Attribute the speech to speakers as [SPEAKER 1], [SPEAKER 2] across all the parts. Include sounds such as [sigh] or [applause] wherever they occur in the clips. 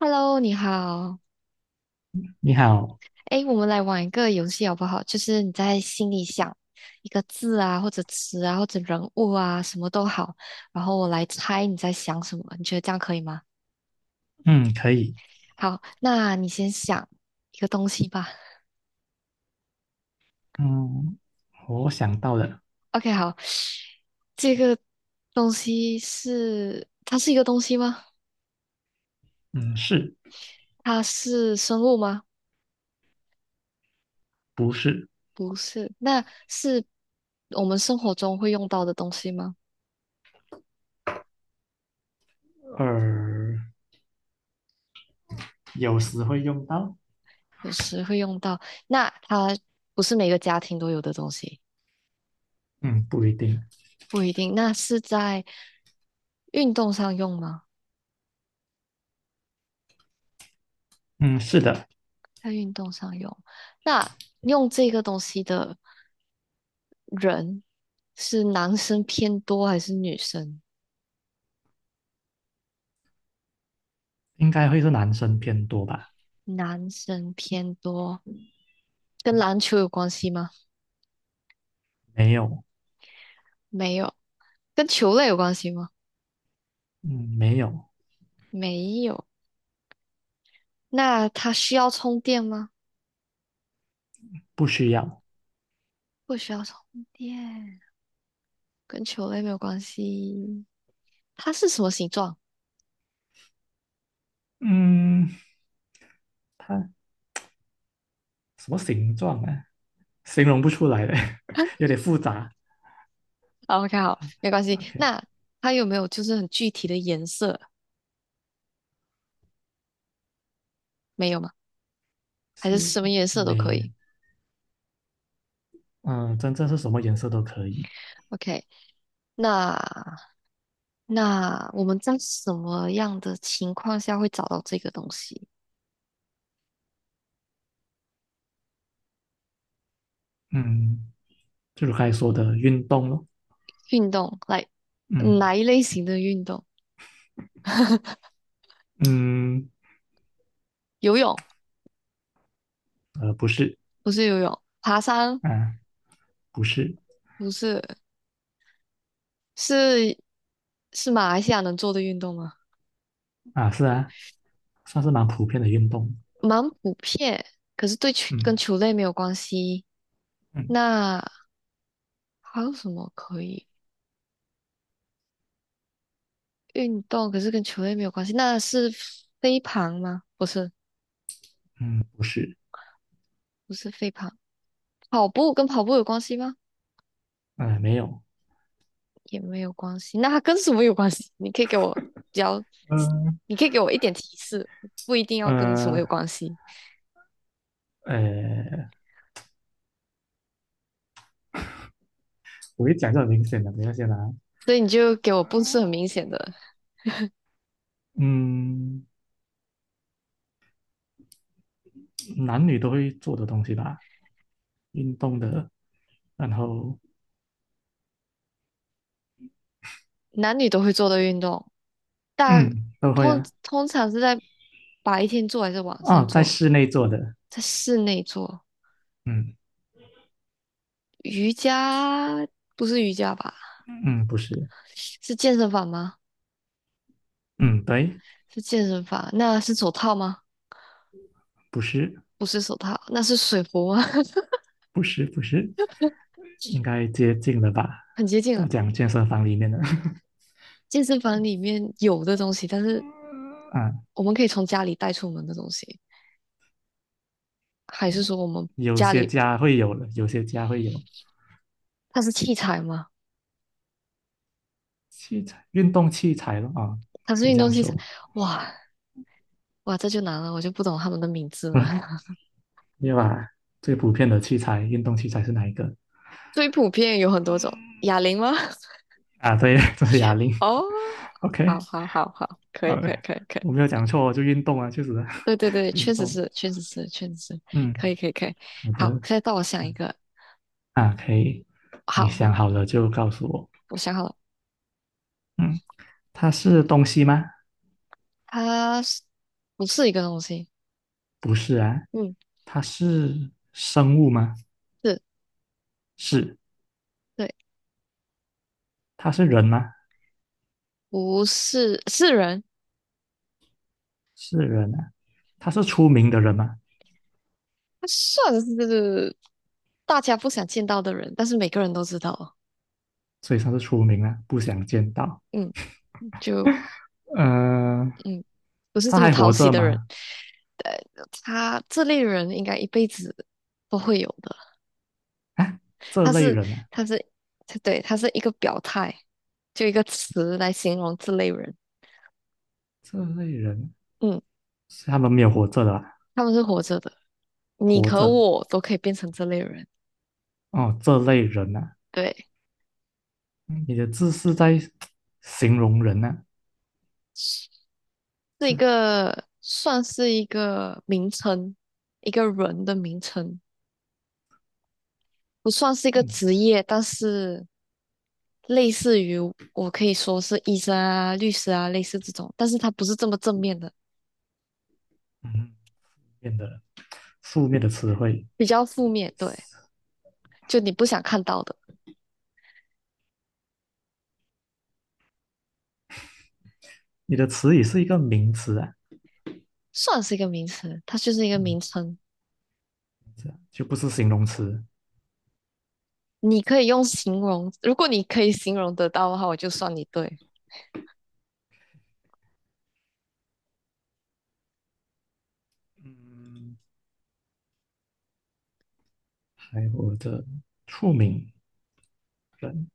[SPEAKER 1] Hello，你好。
[SPEAKER 2] 你好。
[SPEAKER 1] 哎，我们来玩一个游戏好不好？就是你在心里想一个字啊，或者词啊，或者人物啊，什么都好，然后我来猜你在想什么。你觉得这样可以吗？
[SPEAKER 2] 嗯，可以。
[SPEAKER 1] 好，那你先想一个东西吧。
[SPEAKER 2] 嗯，我想到了。
[SPEAKER 1] OK，好，这个东西是，它是一个东西吗？
[SPEAKER 2] 嗯，是。
[SPEAKER 1] 它是生物吗？
[SPEAKER 2] 不是？
[SPEAKER 1] 不是，那是我们生活中会用到的东西吗？
[SPEAKER 2] 呃，有时会用到。
[SPEAKER 1] 有时会用到。那它不是每个家庭都有的东西，
[SPEAKER 2] 嗯，不一定。
[SPEAKER 1] 不一定。那是在运动上用吗？
[SPEAKER 2] 嗯，是的。
[SPEAKER 1] 在运动上用。那用这个东西的人是男生偏多还是女生？
[SPEAKER 2] 应该会是男生偏多吧？
[SPEAKER 1] 男生偏多，跟篮球有关系吗？
[SPEAKER 2] 没有。
[SPEAKER 1] 没有。跟球类有关系吗？
[SPEAKER 2] 嗯，没有。
[SPEAKER 1] 没有。那它需要充电吗？
[SPEAKER 2] 不需要。
[SPEAKER 1] 不需要充电，跟球类没有关系。它是什么形状？
[SPEAKER 2] 嗯，它什么形状啊？形容不出来的，[laughs]
[SPEAKER 1] [laughs]
[SPEAKER 2] 有点复杂。
[SPEAKER 1] OK，好，没关系。
[SPEAKER 2] OK，
[SPEAKER 1] 那它有没有就是很具体的颜色？没有吗？还是
[SPEAKER 2] 是
[SPEAKER 1] 什么颜色都可
[SPEAKER 2] 没，
[SPEAKER 1] 以
[SPEAKER 2] 嗯，真正是什么颜色都可以。
[SPEAKER 1] ？OK，那我们在什么样的情况下会找到这个东西？
[SPEAKER 2] 嗯，就是刚才说的运动咯。
[SPEAKER 1] 运动，来，
[SPEAKER 2] 嗯
[SPEAKER 1] 哪一类型的运动？[laughs]
[SPEAKER 2] 嗯，
[SPEAKER 1] 游泳
[SPEAKER 2] 不是。
[SPEAKER 1] 不是游泳，爬山
[SPEAKER 2] 啊，不是
[SPEAKER 1] 不是，是是马来西亚能做的运动吗？
[SPEAKER 2] 啊，是啊，算是蛮普遍的运动。
[SPEAKER 1] 蛮普遍，可是对球跟
[SPEAKER 2] 嗯
[SPEAKER 1] 球类没有关系。
[SPEAKER 2] 嗯
[SPEAKER 1] 那还有什么可以？运动，可是跟球类没有关系，那是飞盘吗？不是，
[SPEAKER 2] 嗯，不是。
[SPEAKER 1] 不是飞盘，跑步跟跑步有关系吗？
[SPEAKER 2] 没有。
[SPEAKER 1] 也没有关系，那它跟什么有关系？你可以给我比较，
[SPEAKER 2] 嗯
[SPEAKER 1] 你可以给我一点提示，不一定要跟什么
[SPEAKER 2] 呃
[SPEAKER 1] 有关系，
[SPEAKER 2] 呃，我一讲就很明显的，等一下先啊。
[SPEAKER 1] 所以你就给我不是很明显的，
[SPEAKER 2] 嗯，男女都会做的东西吧，运动的，然后
[SPEAKER 1] 男女都会做的运动，大
[SPEAKER 2] 嗯都会
[SPEAKER 1] 通
[SPEAKER 2] 啊。
[SPEAKER 1] 通常是在白天做还是晚上
[SPEAKER 2] 哦，在
[SPEAKER 1] 做？
[SPEAKER 2] 室内做的。
[SPEAKER 1] 在室内做，
[SPEAKER 2] 嗯
[SPEAKER 1] 瑜伽不是瑜伽吧？
[SPEAKER 2] 嗯，不是。
[SPEAKER 1] 是健身房吗？
[SPEAKER 2] 嗯对。
[SPEAKER 1] 是健身房，那是手套吗？
[SPEAKER 2] 不是
[SPEAKER 1] 不是手套，那是水壶吗？
[SPEAKER 2] 不是，
[SPEAKER 1] [laughs]
[SPEAKER 2] 应该接近了吧，
[SPEAKER 1] 很接近
[SPEAKER 2] 都
[SPEAKER 1] 了。
[SPEAKER 2] 讲健身房里面的。
[SPEAKER 1] 健身房里面有的东西，但是
[SPEAKER 2] [laughs] 啊，
[SPEAKER 1] 我们可以从家里带出门的东西，还是说我们
[SPEAKER 2] 有
[SPEAKER 1] 家
[SPEAKER 2] 些
[SPEAKER 1] 里
[SPEAKER 2] 家会有的，有些家会有
[SPEAKER 1] 它是器材吗？
[SPEAKER 2] 器材，运动器材了啊，
[SPEAKER 1] 它是
[SPEAKER 2] 可以
[SPEAKER 1] 运
[SPEAKER 2] 这
[SPEAKER 1] 动
[SPEAKER 2] 样
[SPEAKER 1] 器材？
[SPEAKER 2] 说。
[SPEAKER 1] 哇哇，这就难了，我就不懂他们的名字了。
[SPEAKER 2] [laughs]
[SPEAKER 1] [laughs]
[SPEAKER 2] 你把最普遍的器材，运动器材是哪一个
[SPEAKER 1] 最普遍有很多种，哑铃吗？
[SPEAKER 2] 啊？对，[laughs] 这是哑
[SPEAKER 1] [laughs]
[SPEAKER 2] 铃。
[SPEAKER 1] 哦，好
[SPEAKER 2] OK，
[SPEAKER 1] 好好好，可以
[SPEAKER 2] 好
[SPEAKER 1] 可以
[SPEAKER 2] 嘞，
[SPEAKER 1] 可以可以，
[SPEAKER 2] 我没有讲错哦，就运动啊，确实啊。
[SPEAKER 1] 对对对，
[SPEAKER 2] [laughs] 运
[SPEAKER 1] 确实
[SPEAKER 2] 动。
[SPEAKER 1] 是确实是确实是，
[SPEAKER 2] 嗯，
[SPEAKER 1] 可以可以可以。
[SPEAKER 2] 好
[SPEAKER 1] 好，
[SPEAKER 2] 的
[SPEAKER 1] 现在到我想一个，
[SPEAKER 2] 啊，可以。你
[SPEAKER 1] 好，
[SPEAKER 2] 想好了就告诉我。
[SPEAKER 1] 我想好了。
[SPEAKER 2] 嗯，它是东西吗？
[SPEAKER 1] 他是不是一个东西？
[SPEAKER 2] 不是啊。
[SPEAKER 1] 嗯，
[SPEAKER 2] 它是生物吗？
[SPEAKER 1] 是，
[SPEAKER 2] 是。
[SPEAKER 1] 对，
[SPEAKER 2] 它是人吗？
[SPEAKER 1] 不是，是人，
[SPEAKER 2] 是人啊。它是出名的人吗？
[SPEAKER 1] 他算是大家不想见到的人，但是每个人都知道，
[SPEAKER 2] 所以他是出名了，不想见到。
[SPEAKER 1] 嗯，就
[SPEAKER 2] 嗯、
[SPEAKER 1] 嗯，不是
[SPEAKER 2] 他
[SPEAKER 1] 这么
[SPEAKER 2] 还
[SPEAKER 1] 讨
[SPEAKER 2] 活
[SPEAKER 1] 喜
[SPEAKER 2] 着
[SPEAKER 1] 的人，
[SPEAKER 2] 吗？
[SPEAKER 1] 对，他这类人应该一辈子都会有的。
[SPEAKER 2] 这
[SPEAKER 1] 他
[SPEAKER 2] 类
[SPEAKER 1] 是，
[SPEAKER 2] 人啊，
[SPEAKER 1] 他是，他是一个表态，就一个词来形容这类人，
[SPEAKER 2] 这类人
[SPEAKER 1] 嗯，
[SPEAKER 2] 是他们没有活着的啊？
[SPEAKER 1] 他们是活着的，你
[SPEAKER 2] 活
[SPEAKER 1] 和
[SPEAKER 2] 着
[SPEAKER 1] 我都可以变成这类人，
[SPEAKER 2] 哦，这类人啊，
[SPEAKER 1] 对。
[SPEAKER 2] 你的字是在形容人啊。
[SPEAKER 1] 是一个算是一个名称，一个人的名称，不算是一个
[SPEAKER 2] 嗯
[SPEAKER 1] 职业，但是类似于我可以说是医生啊、律师啊，类似这种，但是它不是这么正面的，
[SPEAKER 2] 嗯，变得负面的词汇。
[SPEAKER 1] 比较负面，对，就你不想看到的，
[SPEAKER 2] 你的词语是一个名词啊。
[SPEAKER 1] 算是一个名词，它就是一个
[SPEAKER 2] 嗯，
[SPEAKER 1] 名称，
[SPEAKER 2] 这样就不是形容词。
[SPEAKER 1] 你可以用形容，如果你可以形容得到的话，我就算你对。
[SPEAKER 2] 嗯，还活着，出名人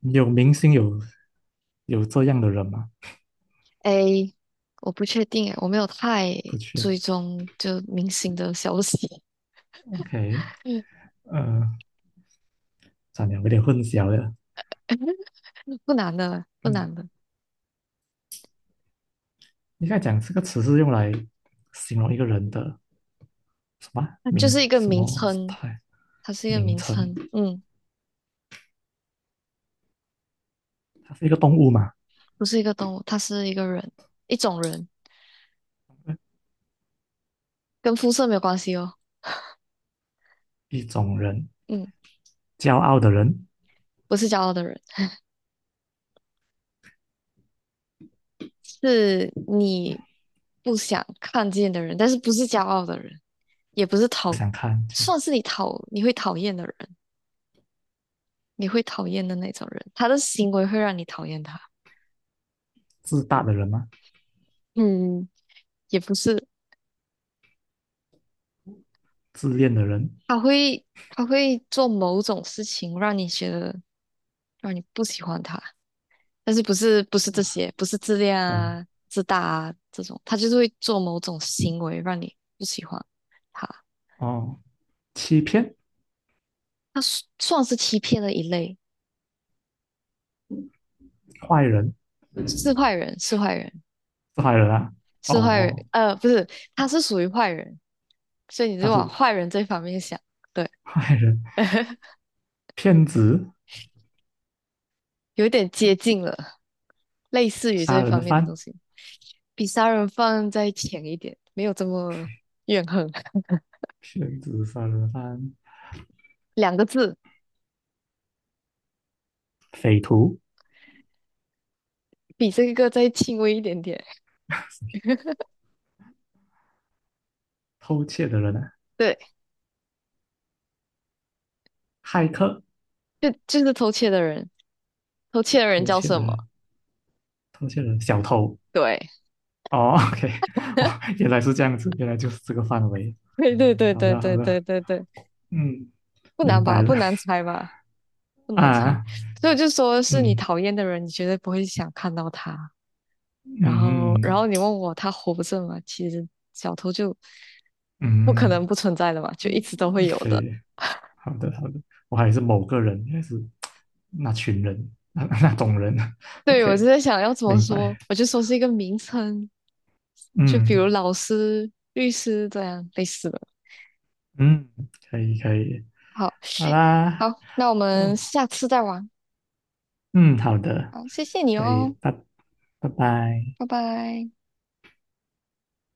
[SPEAKER 2] 有明星有有这样的人吗？
[SPEAKER 1] A，我不确定诶，我没有太
[SPEAKER 2] 不确
[SPEAKER 1] 追
[SPEAKER 2] 定。
[SPEAKER 1] 踪就明星的消息。
[SPEAKER 2] OK，
[SPEAKER 1] [laughs] 嗯，
[SPEAKER 2] 呃，算了，有点混淆了。
[SPEAKER 1] 不难的，不
[SPEAKER 2] 嗯，
[SPEAKER 1] 难的，
[SPEAKER 2] 应该讲这个词是用来形容一个人的什么啊，
[SPEAKER 1] 它就是
[SPEAKER 2] 名
[SPEAKER 1] 一个
[SPEAKER 2] 什
[SPEAKER 1] 名
[SPEAKER 2] 么
[SPEAKER 1] 称，
[SPEAKER 2] 态，
[SPEAKER 1] 它是一个
[SPEAKER 2] 名
[SPEAKER 1] 名
[SPEAKER 2] 称，
[SPEAKER 1] 称，嗯，
[SPEAKER 2] 它是一个动物嘛，
[SPEAKER 1] 不是一个动物，它是一个人，一种人，跟肤色没有关系哦，
[SPEAKER 2] 一种人，
[SPEAKER 1] 嗯，
[SPEAKER 2] 骄傲的人，
[SPEAKER 1] 不是骄傲的人，是你不想看见的人，但是不是骄傲的人，也不是
[SPEAKER 2] 不
[SPEAKER 1] 讨，
[SPEAKER 2] 想看见，
[SPEAKER 1] 算是你讨，你会讨厌的人，你会讨厌的那种人，他的行为会让你讨厌他，
[SPEAKER 2] 自大的人嘛，
[SPEAKER 1] 嗯，也不是，
[SPEAKER 2] 自恋的人，
[SPEAKER 1] 他会做某种事情让你觉得让你不喜欢他。但是不是这些，不是自恋
[SPEAKER 2] 很
[SPEAKER 1] 啊、自大啊这种，他就是会做某种行为让你不喜欢他，
[SPEAKER 2] 哦，欺骗，
[SPEAKER 1] 算是欺骗的一类，
[SPEAKER 2] 坏人，
[SPEAKER 1] 是坏人，是坏人，
[SPEAKER 2] 是坏人啊。哦
[SPEAKER 1] 是坏人，
[SPEAKER 2] 哦，
[SPEAKER 1] 呃，不是，他是属于坏人，所以你
[SPEAKER 2] 但
[SPEAKER 1] 就往
[SPEAKER 2] 是
[SPEAKER 1] 坏人这方面想，对，
[SPEAKER 2] 坏人，
[SPEAKER 1] [laughs]
[SPEAKER 2] 骗子，
[SPEAKER 1] 有点接近了，类似于
[SPEAKER 2] 杀
[SPEAKER 1] 这
[SPEAKER 2] 人的
[SPEAKER 1] 方面的东
[SPEAKER 2] 犯，
[SPEAKER 1] 西，比杀人犯再浅一点，没有这么怨恨，
[SPEAKER 2] 骗子，杀人的犯，
[SPEAKER 1] [laughs] 两个字，
[SPEAKER 2] 匪徒，
[SPEAKER 1] 比这个再轻微一点点，
[SPEAKER 2] 偷窃的人啊，
[SPEAKER 1] 对，
[SPEAKER 2] 骇客，
[SPEAKER 1] 就是偷窃的人。偷窃的人
[SPEAKER 2] 偷
[SPEAKER 1] 叫
[SPEAKER 2] 窃
[SPEAKER 1] 什
[SPEAKER 2] 的
[SPEAKER 1] 么？
[SPEAKER 2] 人。偷窃人小偷，
[SPEAKER 1] 对，
[SPEAKER 2] 哦，OK，[laughs] 哦，
[SPEAKER 1] [laughs]
[SPEAKER 2] 原来是这样子，原来就是这个范围。
[SPEAKER 1] 对对对
[SPEAKER 2] 好
[SPEAKER 1] 对
[SPEAKER 2] 的，好
[SPEAKER 1] 对
[SPEAKER 2] 的，
[SPEAKER 1] 对对对，
[SPEAKER 2] 嗯，
[SPEAKER 1] 不难
[SPEAKER 2] 明白
[SPEAKER 1] 吧？不
[SPEAKER 2] 了
[SPEAKER 1] 难猜吧？不难猜。
[SPEAKER 2] 啊，
[SPEAKER 1] 所以我就说是你
[SPEAKER 2] 嗯
[SPEAKER 1] 讨厌的人，你绝对不会想看到他。
[SPEAKER 2] 嗯
[SPEAKER 1] 然
[SPEAKER 2] 嗯，
[SPEAKER 1] 后你问我他活着吗？其实小偷就不可能
[SPEAKER 2] 嗯
[SPEAKER 1] 不存在的嘛，就一直都
[SPEAKER 2] 对，好的好的嗯明白了啊嗯嗯嗯
[SPEAKER 1] 会有
[SPEAKER 2] 可
[SPEAKER 1] 的。
[SPEAKER 2] 以，好的好的我还是某个人，还是那群人，[laughs] 那那种人
[SPEAKER 1] 对，我就
[SPEAKER 2] ，OK，
[SPEAKER 1] 在想要怎么
[SPEAKER 2] 明
[SPEAKER 1] 说，
[SPEAKER 2] 白，
[SPEAKER 1] 我就说是一个名称，就比
[SPEAKER 2] 嗯
[SPEAKER 1] 如老师、律师这样类似的。
[SPEAKER 2] 嗯，可以可以，
[SPEAKER 1] 好，
[SPEAKER 2] 好
[SPEAKER 1] [laughs]
[SPEAKER 2] 啦，
[SPEAKER 1] 好，那我们
[SPEAKER 2] 哦，
[SPEAKER 1] 下次再玩。
[SPEAKER 2] 嗯，好的，
[SPEAKER 1] 好，谢谢你
[SPEAKER 2] 可以，
[SPEAKER 1] 哦，
[SPEAKER 2] 拜拜。
[SPEAKER 1] 拜拜。